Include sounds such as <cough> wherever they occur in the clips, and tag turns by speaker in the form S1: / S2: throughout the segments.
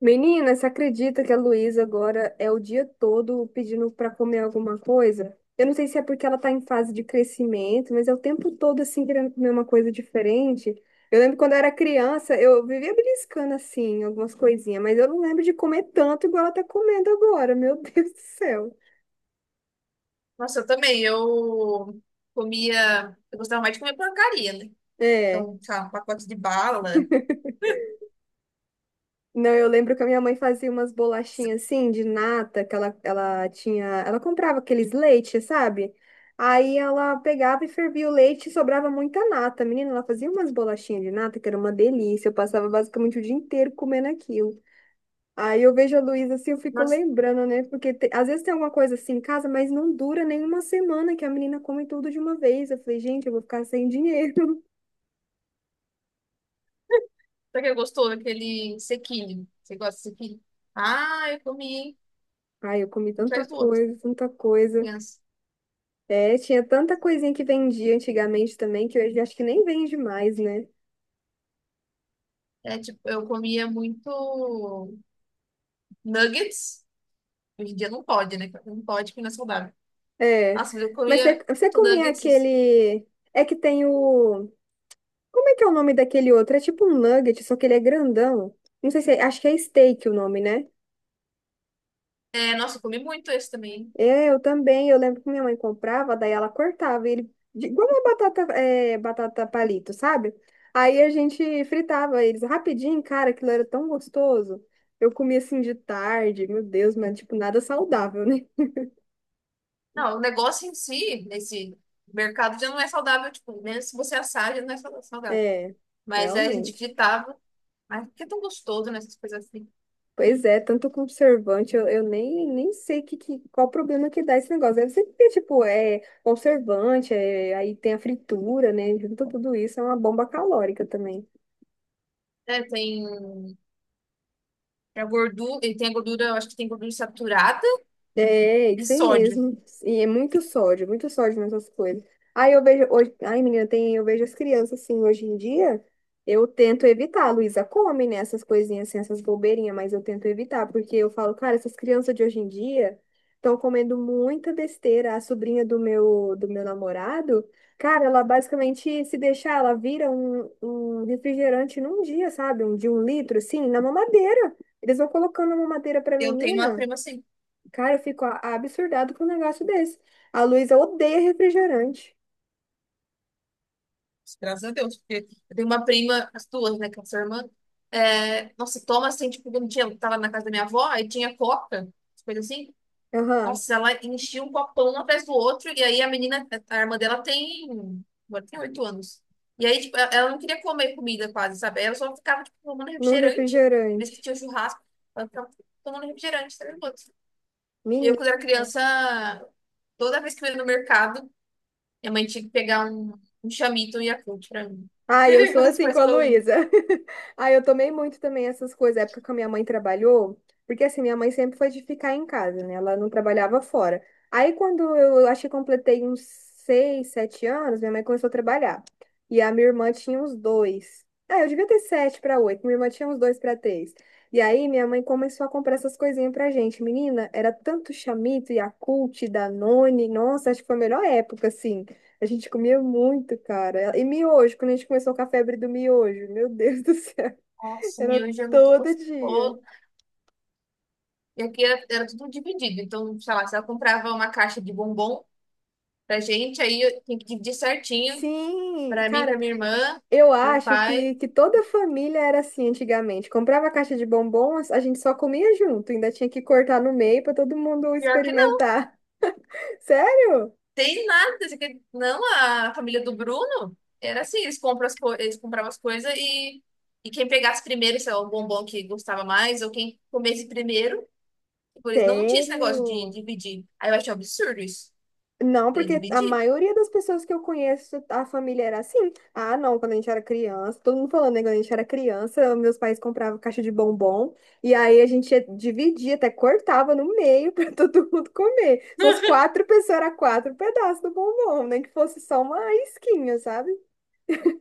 S1: Menina, você acredita que a Luísa agora é o dia todo pedindo para comer alguma coisa? Eu não sei se é porque ela tá em fase de crescimento, mas é o tempo todo assim querendo comer uma coisa diferente. Eu lembro quando eu era criança, eu vivia beliscando assim algumas coisinhas, mas eu não lembro de comer tanto igual ela tá comendo agora. Meu <laughs> Deus do céu.
S2: Nossa, eu também. Eu comia. Eu gostava mais de comer porcaria, né?
S1: É.
S2: Então, sei lá, um pacote de bala.
S1: Não, eu lembro que a minha mãe fazia umas bolachinhas assim de nata, que ela tinha, ela comprava aqueles leites, sabe? Aí ela pegava e fervia o leite e sobrava muita nata. Menina, ela fazia umas bolachinhas de nata que era uma delícia. Eu passava basicamente o dia inteiro comendo aquilo. Aí eu vejo a Luísa assim, eu fico
S2: Nossa,
S1: lembrando, né? Porque às vezes tem alguma coisa assim em casa, mas não dura nem uma semana que a menina come tudo de uma vez. Eu falei, gente, eu vou ficar sem dinheiro.
S2: será que gostou daquele sequilho? Você gosta de sequilho? Ah, eu comi
S1: <laughs> Ai, eu comi
S2: um
S1: tanta
S2: atrás do outro.
S1: coisa, tanta coisa.
S2: Criança.
S1: É, tinha tanta coisinha que vendia antigamente também, que hoje acho que nem vende mais, né?
S2: É tipo, eu comia muito nuggets. Hoje em dia não pode, né? Não pode, porque não é saudável.
S1: É.
S2: Nossa, mas eu
S1: Mas você,
S2: comia
S1: você
S2: muito
S1: comia
S2: nuggets.
S1: aquele. É que tem o. Como é que é o nome daquele outro? É tipo um nugget, só que ele é grandão. Não sei se é... Acho que é steak o nome, né?
S2: É, nossa, eu comi muito esse também.
S1: É, eu também. Eu lembro que minha mãe comprava, daí ela cortava ele. Igual uma batata, é, batata palito, sabe? Aí a gente fritava eles rapidinho, cara, aquilo era tão gostoso. Eu comia assim de tarde, meu Deus, mas tipo, nada saudável, né?
S2: Não, o negócio em si, nesse mercado já não é saudável. Tipo, mesmo se você assar, já não é saudável.
S1: É,
S2: Mas aí a gente
S1: realmente.
S2: fritava. Ai, que é tão gostoso, né? Essas coisas assim.
S1: Pois é, tanto conservante, eu nem sei qual problema que dá esse negócio. Deve ser porque, tipo, é conservante, é, aí tem a fritura, né? Junto tudo isso, é uma bomba calórica também.
S2: É, tem a gordura, ele tem a gordura, eu acho que tem gordura saturada
S1: É,
S2: e
S1: isso aí
S2: sódio.
S1: mesmo. E é muito sódio nessas coisas. Aí eu vejo hoje, ai menina, tem, eu vejo as crianças assim hoje em dia, eu tento evitar. A Luísa come, né, essas coisinhas assim, essas bobeirinhas, mas eu tento evitar, porque eu falo, cara, essas crianças de hoje em dia estão comendo muita besteira. A sobrinha do meu namorado, cara, ela basicamente se deixar, ela vira um refrigerante num dia, sabe? Um de um litro assim, na mamadeira. Eles vão colocando a mamadeira pra
S2: Eu tenho uma
S1: menina.
S2: prima assim,
S1: Cara, eu fico absurdado com um negócio desse. A Luísa odeia refrigerante.
S2: graças a Deus, porque eu tenho uma prima, as duas, né, que é a sua irmã. É, nossa, toma assim, tipo, um dia eu tava na casa da minha avó, aí tinha coca, coisa assim.
S1: Aham,
S2: Nossa, ela enchia um copão um atrás do outro, e aí a menina, a irmã dela agora tem 8 anos. E aí, tipo, ela não queria comer comida quase, sabe? Ela só ficava, tipo, tomando
S1: não
S2: refrigerante, vez que
S1: refrigerante.
S2: tinha churrasco, ela ficava tomando refrigerante, 3 minutos. E eu, quando era
S1: Menina.
S2: criança, toda vez que eu ia no mercado, minha mãe tinha que pegar um chamito e um Yakult pra mim.
S1: Ah, eu sou
S2: <laughs> Os
S1: assim com
S2: pais
S1: a
S2: coloridos.
S1: Luísa. <laughs> Ah, eu tomei muito também essas coisas, época que a minha mãe trabalhou, porque assim, minha mãe sempre foi de ficar em casa, né? Ela não trabalhava fora. Aí quando eu acho que completei uns 6, 7 anos, minha mãe começou a trabalhar. E a minha irmã tinha uns dois. Ah, eu devia ter sete para oito, minha irmã tinha uns dois para três. E aí minha mãe começou a comprar essas coisinhas pra gente. Menina, era tanto Chamito, Yakult, Danone. Nossa, acho que foi a melhor época, assim. A gente comia muito, cara. E miojo, quando a gente começou com a febre do miojo, meu Deus do céu, <laughs>
S2: Nossa,
S1: era
S2: miojo é muito
S1: todo dia.
S2: gostoso. E aqui era tudo dividido. Então, sei lá, se ela comprava uma caixa de bombom, pra gente, aí eu tenho que dividir certinho.
S1: Sim,
S2: Pra mim,
S1: cara,
S2: pra minha irmã,
S1: eu
S2: meu
S1: acho
S2: pai.
S1: que toda família era assim antigamente. Comprava a caixa de bombons, a gente só comia junto, ainda tinha que cortar no meio para todo mundo
S2: Pior que não,
S1: experimentar. <laughs> Sério?
S2: tem nada. Não, a família do Bruno era assim, eles compravam as coisas e, quem pegasse primeiro, se é o bombom que gostava mais, ou quem comesse primeiro, por eles não tinha esse negócio de
S1: Sério?
S2: dividir. Aí eu achei um absurdo isso,
S1: Não,
S2: de
S1: porque a
S2: dividir.
S1: maioria das pessoas que eu conheço, a família era assim. Ah, não, quando a gente era criança, todo mundo falando, né? Quando a gente era criança, meus pais compravam caixa de bombom, e aí a dividia, até cortava no meio <laughs> para todo mundo comer. Se fosse quatro pessoas, era quatro pedaços do bombom, nem que fosse só uma isquinha, sabe?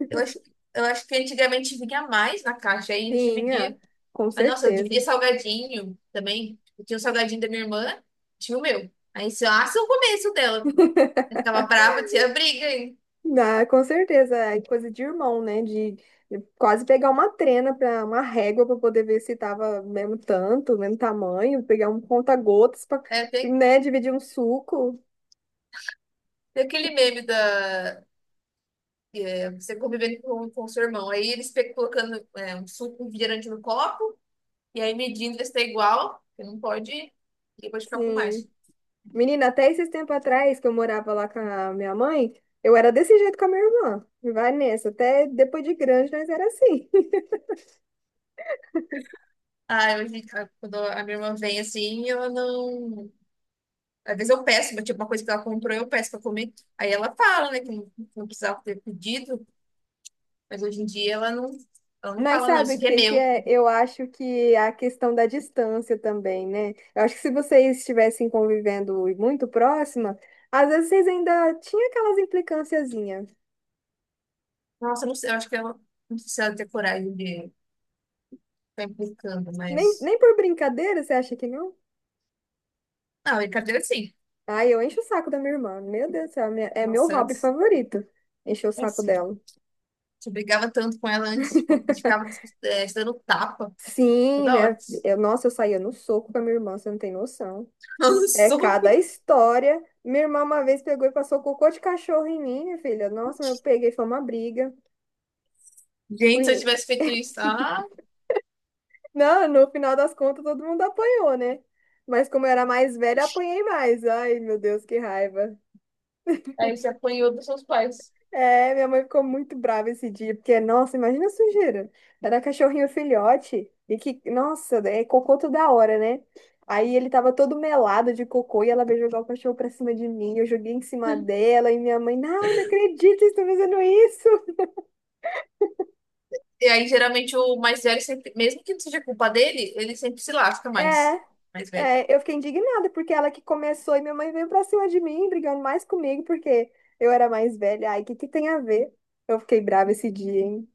S2: Eu acho, eu acho que antigamente vinha mais na caixa, aí a gente
S1: Tinha,
S2: dividia.
S1: com
S2: Mas, nossa, eu dividia
S1: certeza.
S2: salgadinho também. Eu tinha um salgadinho da minha irmã, tinha o meu. Aí se eu o começo dela. Eu ficava brava, tinha briga, hein?
S1: Ah, com certeza, é coisa de irmão, né? De quase pegar uma trena para uma régua para poder ver se tava mesmo tanto, mesmo tamanho, pegar um conta-gotas para,
S2: É, tem,
S1: né, dividir um suco.
S2: tem aquele meme da. É, você convivendo com seu irmão. Aí eles colocando um suco, um refrigerante no copo, e aí medindo ver se tá igual, porque não pode, e depois ficar com mais.
S1: Sim. Menina, até esses tempos atrás que eu morava lá com a minha mãe, eu era desse jeito com a minha irmã. Vai nessa, até depois de grande nós era assim. <laughs>
S2: Ah, hoje, quando a minha irmã vem assim, ela não. Às vezes eu peço, mas tipo, uma coisa que ela comprou, eu peço pra comer. Aí ela fala, né, que não, precisava ter pedido. Mas hoje em dia ela não
S1: Mas
S2: fala, não,
S1: sabe
S2: isso
S1: o
S2: aqui é
S1: que que
S2: meu.
S1: é? Eu acho que a questão da distância também, né? Eu acho que se vocês estivessem convivendo muito próxima, às vezes vocês ainda tinham aquelas implicânciazinhas.
S2: Nossa, eu não sei, eu acho que ela não precisa ter coragem de ficar implicando,
S1: Nem,
S2: mas.
S1: nem por brincadeira, você acha que não?
S2: Não, brincadeira sim.
S1: Ai, eu encho o saco da minha irmã. Meu Deus do céu, é meu
S2: Nossa,
S1: hobby
S2: antes,
S1: favorito. Encher o
S2: é
S1: saco
S2: assim,
S1: dela.
S2: tipo, você brigava tanto com ela antes, tipo, a gente ficava
S1: <laughs>
S2: se dando tapa
S1: Sim,
S2: toda hora. <laughs>
S1: nossa, eu saía no soco com a minha irmã, você não tem noção.
S2: Dando
S1: É cada
S2: soco.
S1: história. Minha irmã uma vez pegou e passou cocô de cachorro em mim, minha filha. Nossa, eu peguei, foi uma briga.
S2: Gente, se eu
S1: Fui...
S2: tivesse feito isso, ah,
S1: <laughs> Não, no final das contas todo mundo apanhou, né? Mas como eu era mais velha, apanhei mais. Ai, meu Deus, que raiva.
S2: aí você apanhou dos seus pais.
S1: É, minha mãe ficou muito brava esse dia, porque, nossa, imagina a sujeira. Era cachorrinho filhote, e que, nossa, é cocô toda hora, né? Aí ele tava todo melado de cocô e ela veio jogar o cachorro pra cima de mim. Eu joguei em cima dela e minha mãe, ai, não acredito, vocês estão fazendo isso.
S2: E aí, geralmente, o mais velho sempre, mesmo que não seja culpa dele, ele sempre se lasca mais.
S1: É,
S2: Mais velho.
S1: eu fiquei indignada porque ela que começou e minha mãe veio pra cima de mim, brigando mais comigo porque eu era mais velha. Ai, o que que tem a ver? Eu fiquei brava esse dia, hein?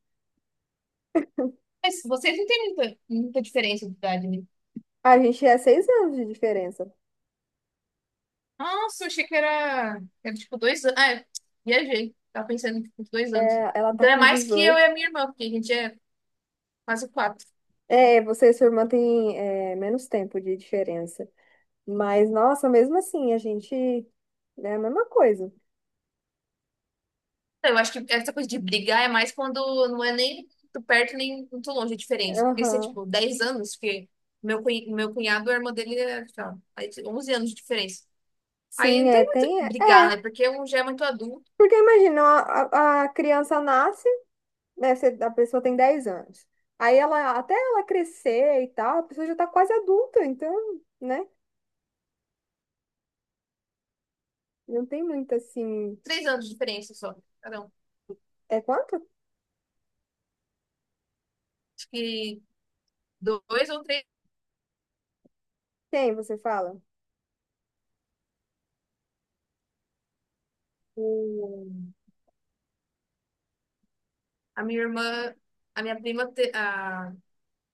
S2: Mas vocês não têm muita, muita diferença de idade, né?
S1: A gente é 6 anos de diferença.
S2: Nossa, achei que era tipo 2 anos. Ah, é, viajei. Tava pensando em tipo, 2 anos.
S1: É, ela tá
S2: Então é
S1: com
S2: mais que eu e
S1: 18.
S2: a minha irmã, porque a gente é quase quatro.
S1: É, você e sua irmã têm é, menos tempo de diferença. Mas, nossa, mesmo assim, a gente é a mesma coisa.
S2: Então, eu acho que essa coisa de brigar é mais quando não é nem muito perto nem muito longe a diferença. Porque se é
S1: Aham.
S2: tipo 10 anos, porque meu cunhado, a irmã dele, é, sei lá, aí tem 11 anos de diferença. Aí
S1: Sim,
S2: não
S1: é,
S2: tem muito
S1: tem. É,
S2: brigar,
S1: é,
S2: né? Porque um já é muito adulto,
S1: porque imagina, a criança nasce. Né, a pessoa tem 10 anos. Aí ela, até ela crescer e tal, a pessoa já tá quase adulta, então, né? Não tem muito assim.
S2: 3 anos de diferença só. Cada um.
S1: É quanto?
S2: Acho que dois ou três.
S1: Tem, você fala.
S2: O- A minha irmã, a minha prima, a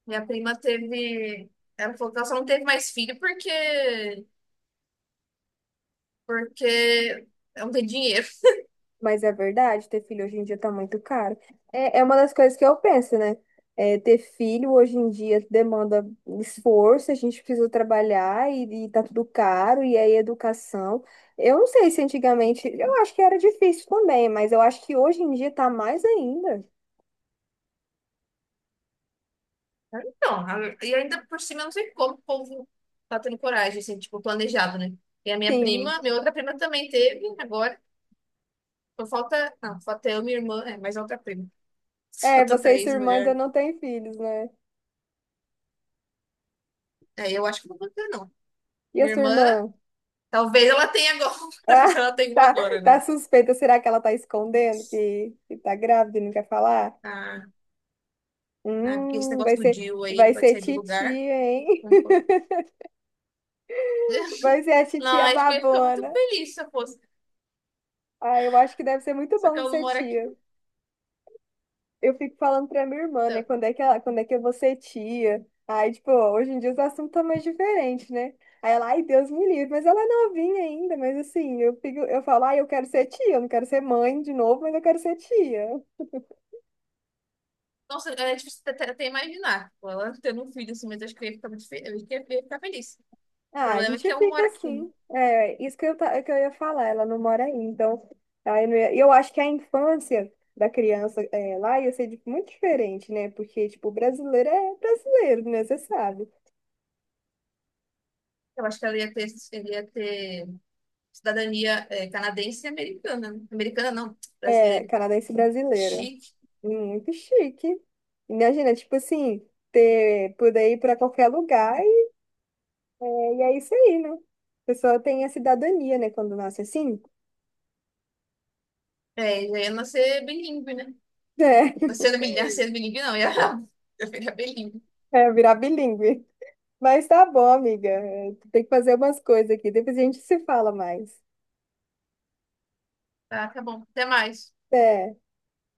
S2: minha prima teve. Ela falou que ela só não teve mais filho porque. Porque não tem dinheiro. <laughs>
S1: Mas é verdade, ter filho hoje em dia tá muito caro. É, é uma das coisas que eu penso, né? É, ter filho hoje em dia demanda esforço, a gente precisa trabalhar e tá tudo caro, e aí educação. Eu não sei se antigamente, eu acho que era difícil também, mas eu acho que hoje em dia tá mais ainda.
S2: Então, e ainda por cima, eu não sei como o povo tá tendo coragem, assim, tipo, planejado, né? E a minha
S1: Sim.
S2: prima, minha outra prima também teve, agora. Só falta. Não, falta eu, minha irmã, mais outra prima. <laughs>
S1: É,
S2: Falta
S1: você e sua
S2: três
S1: irmã ainda
S2: mulheres.
S1: não têm filhos, né?
S2: É, eu acho que não vou ter, não.
S1: E a
S2: Minha
S1: sua
S2: irmã,
S1: irmã?
S2: talvez ela tenha agora. <laughs> Talvez
S1: Ah,
S2: ela tenha
S1: <laughs>
S2: uma
S1: tá,
S2: agora,
S1: tá
S2: né?
S1: suspeita. Será que ela tá escondendo que tá grávida e não quer falar?
S2: Ah, ah, porque esse
S1: Hum,
S2: negócio
S1: vai
S2: do
S1: ser,
S2: DIU aí, ele
S1: vai
S2: pode
S1: ser
S2: sair do
S1: titia,
S2: lugar.
S1: hein? <laughs>
S2: Concordo.
S1: Vai ser a
S2: Não,
S1: titia
S2: acho que eu ia ficar muito
S1: babona.
S2: feliz se eu fosse.
S1: Ah, eu acho que deve ser muito
S2: Só que
S1: bom de
S2: ela não
S1: ser
S2: mora aqui,
S1: tia. Eu fico falando pra minha irmã, né?
S2: então.
S1: Quando é que ela, quando é que eu vou ser tia? Aí, tipo, hoje em dia os assuntos estão mais diferentes, né? Aí ela, ai, Deus me livre, mas ela é novinha ainda, mas assim, eu fico, eu falo, ai, eu quero ser tia, eu não quero ser mãe de novo, mas eu quero ser tia.
S2: Nossa, é difícil até imaginar. Tipo, ela tendo um filho assim, mas acho que eu ia ficar muito feliz. Eu ia ficar feliz. O
S1: Ah, a
S2: problema é
S1: gente
S2: que ela não
S1: fica
S2: mora aqui, né?
S1: assim. É, isso que eu, que eu ia falar, ela não mora aí, então. Aí eu, não ia- eu acho que a infância da criança é, lá ia ser tipo, muito diferente, né? Porque, tipo, brasileiro é brasileiro, né? Você sabe.
S2: Eu acho que ela ia ter cidadania canadense e americana, né? Americana não,
S1: É,
S2: brasileira.
S1: canadense brasileiro.
S2: Chique.
S1: Muito chique. Imagina, tipo assim, ter, poder ir para qualquer lugar e é isso aí, né? A pessoa tem a cidadania, né? Quando nasce assim,
S2: É, já ia nascer bilíngue, né?
S1: é,
S2: Nascendo bilíngue, <laughs> nascendo bilíngue não, ia, <laughs> eu ia virar bilíngue.
S1: <laughs> é virar bilíngue. Mas tá bom, amiga. É, tem que fazer umas coisas aqui. Depois a gente se fala mais.
S2: Tá, tá bom. Até mais.
S1: É.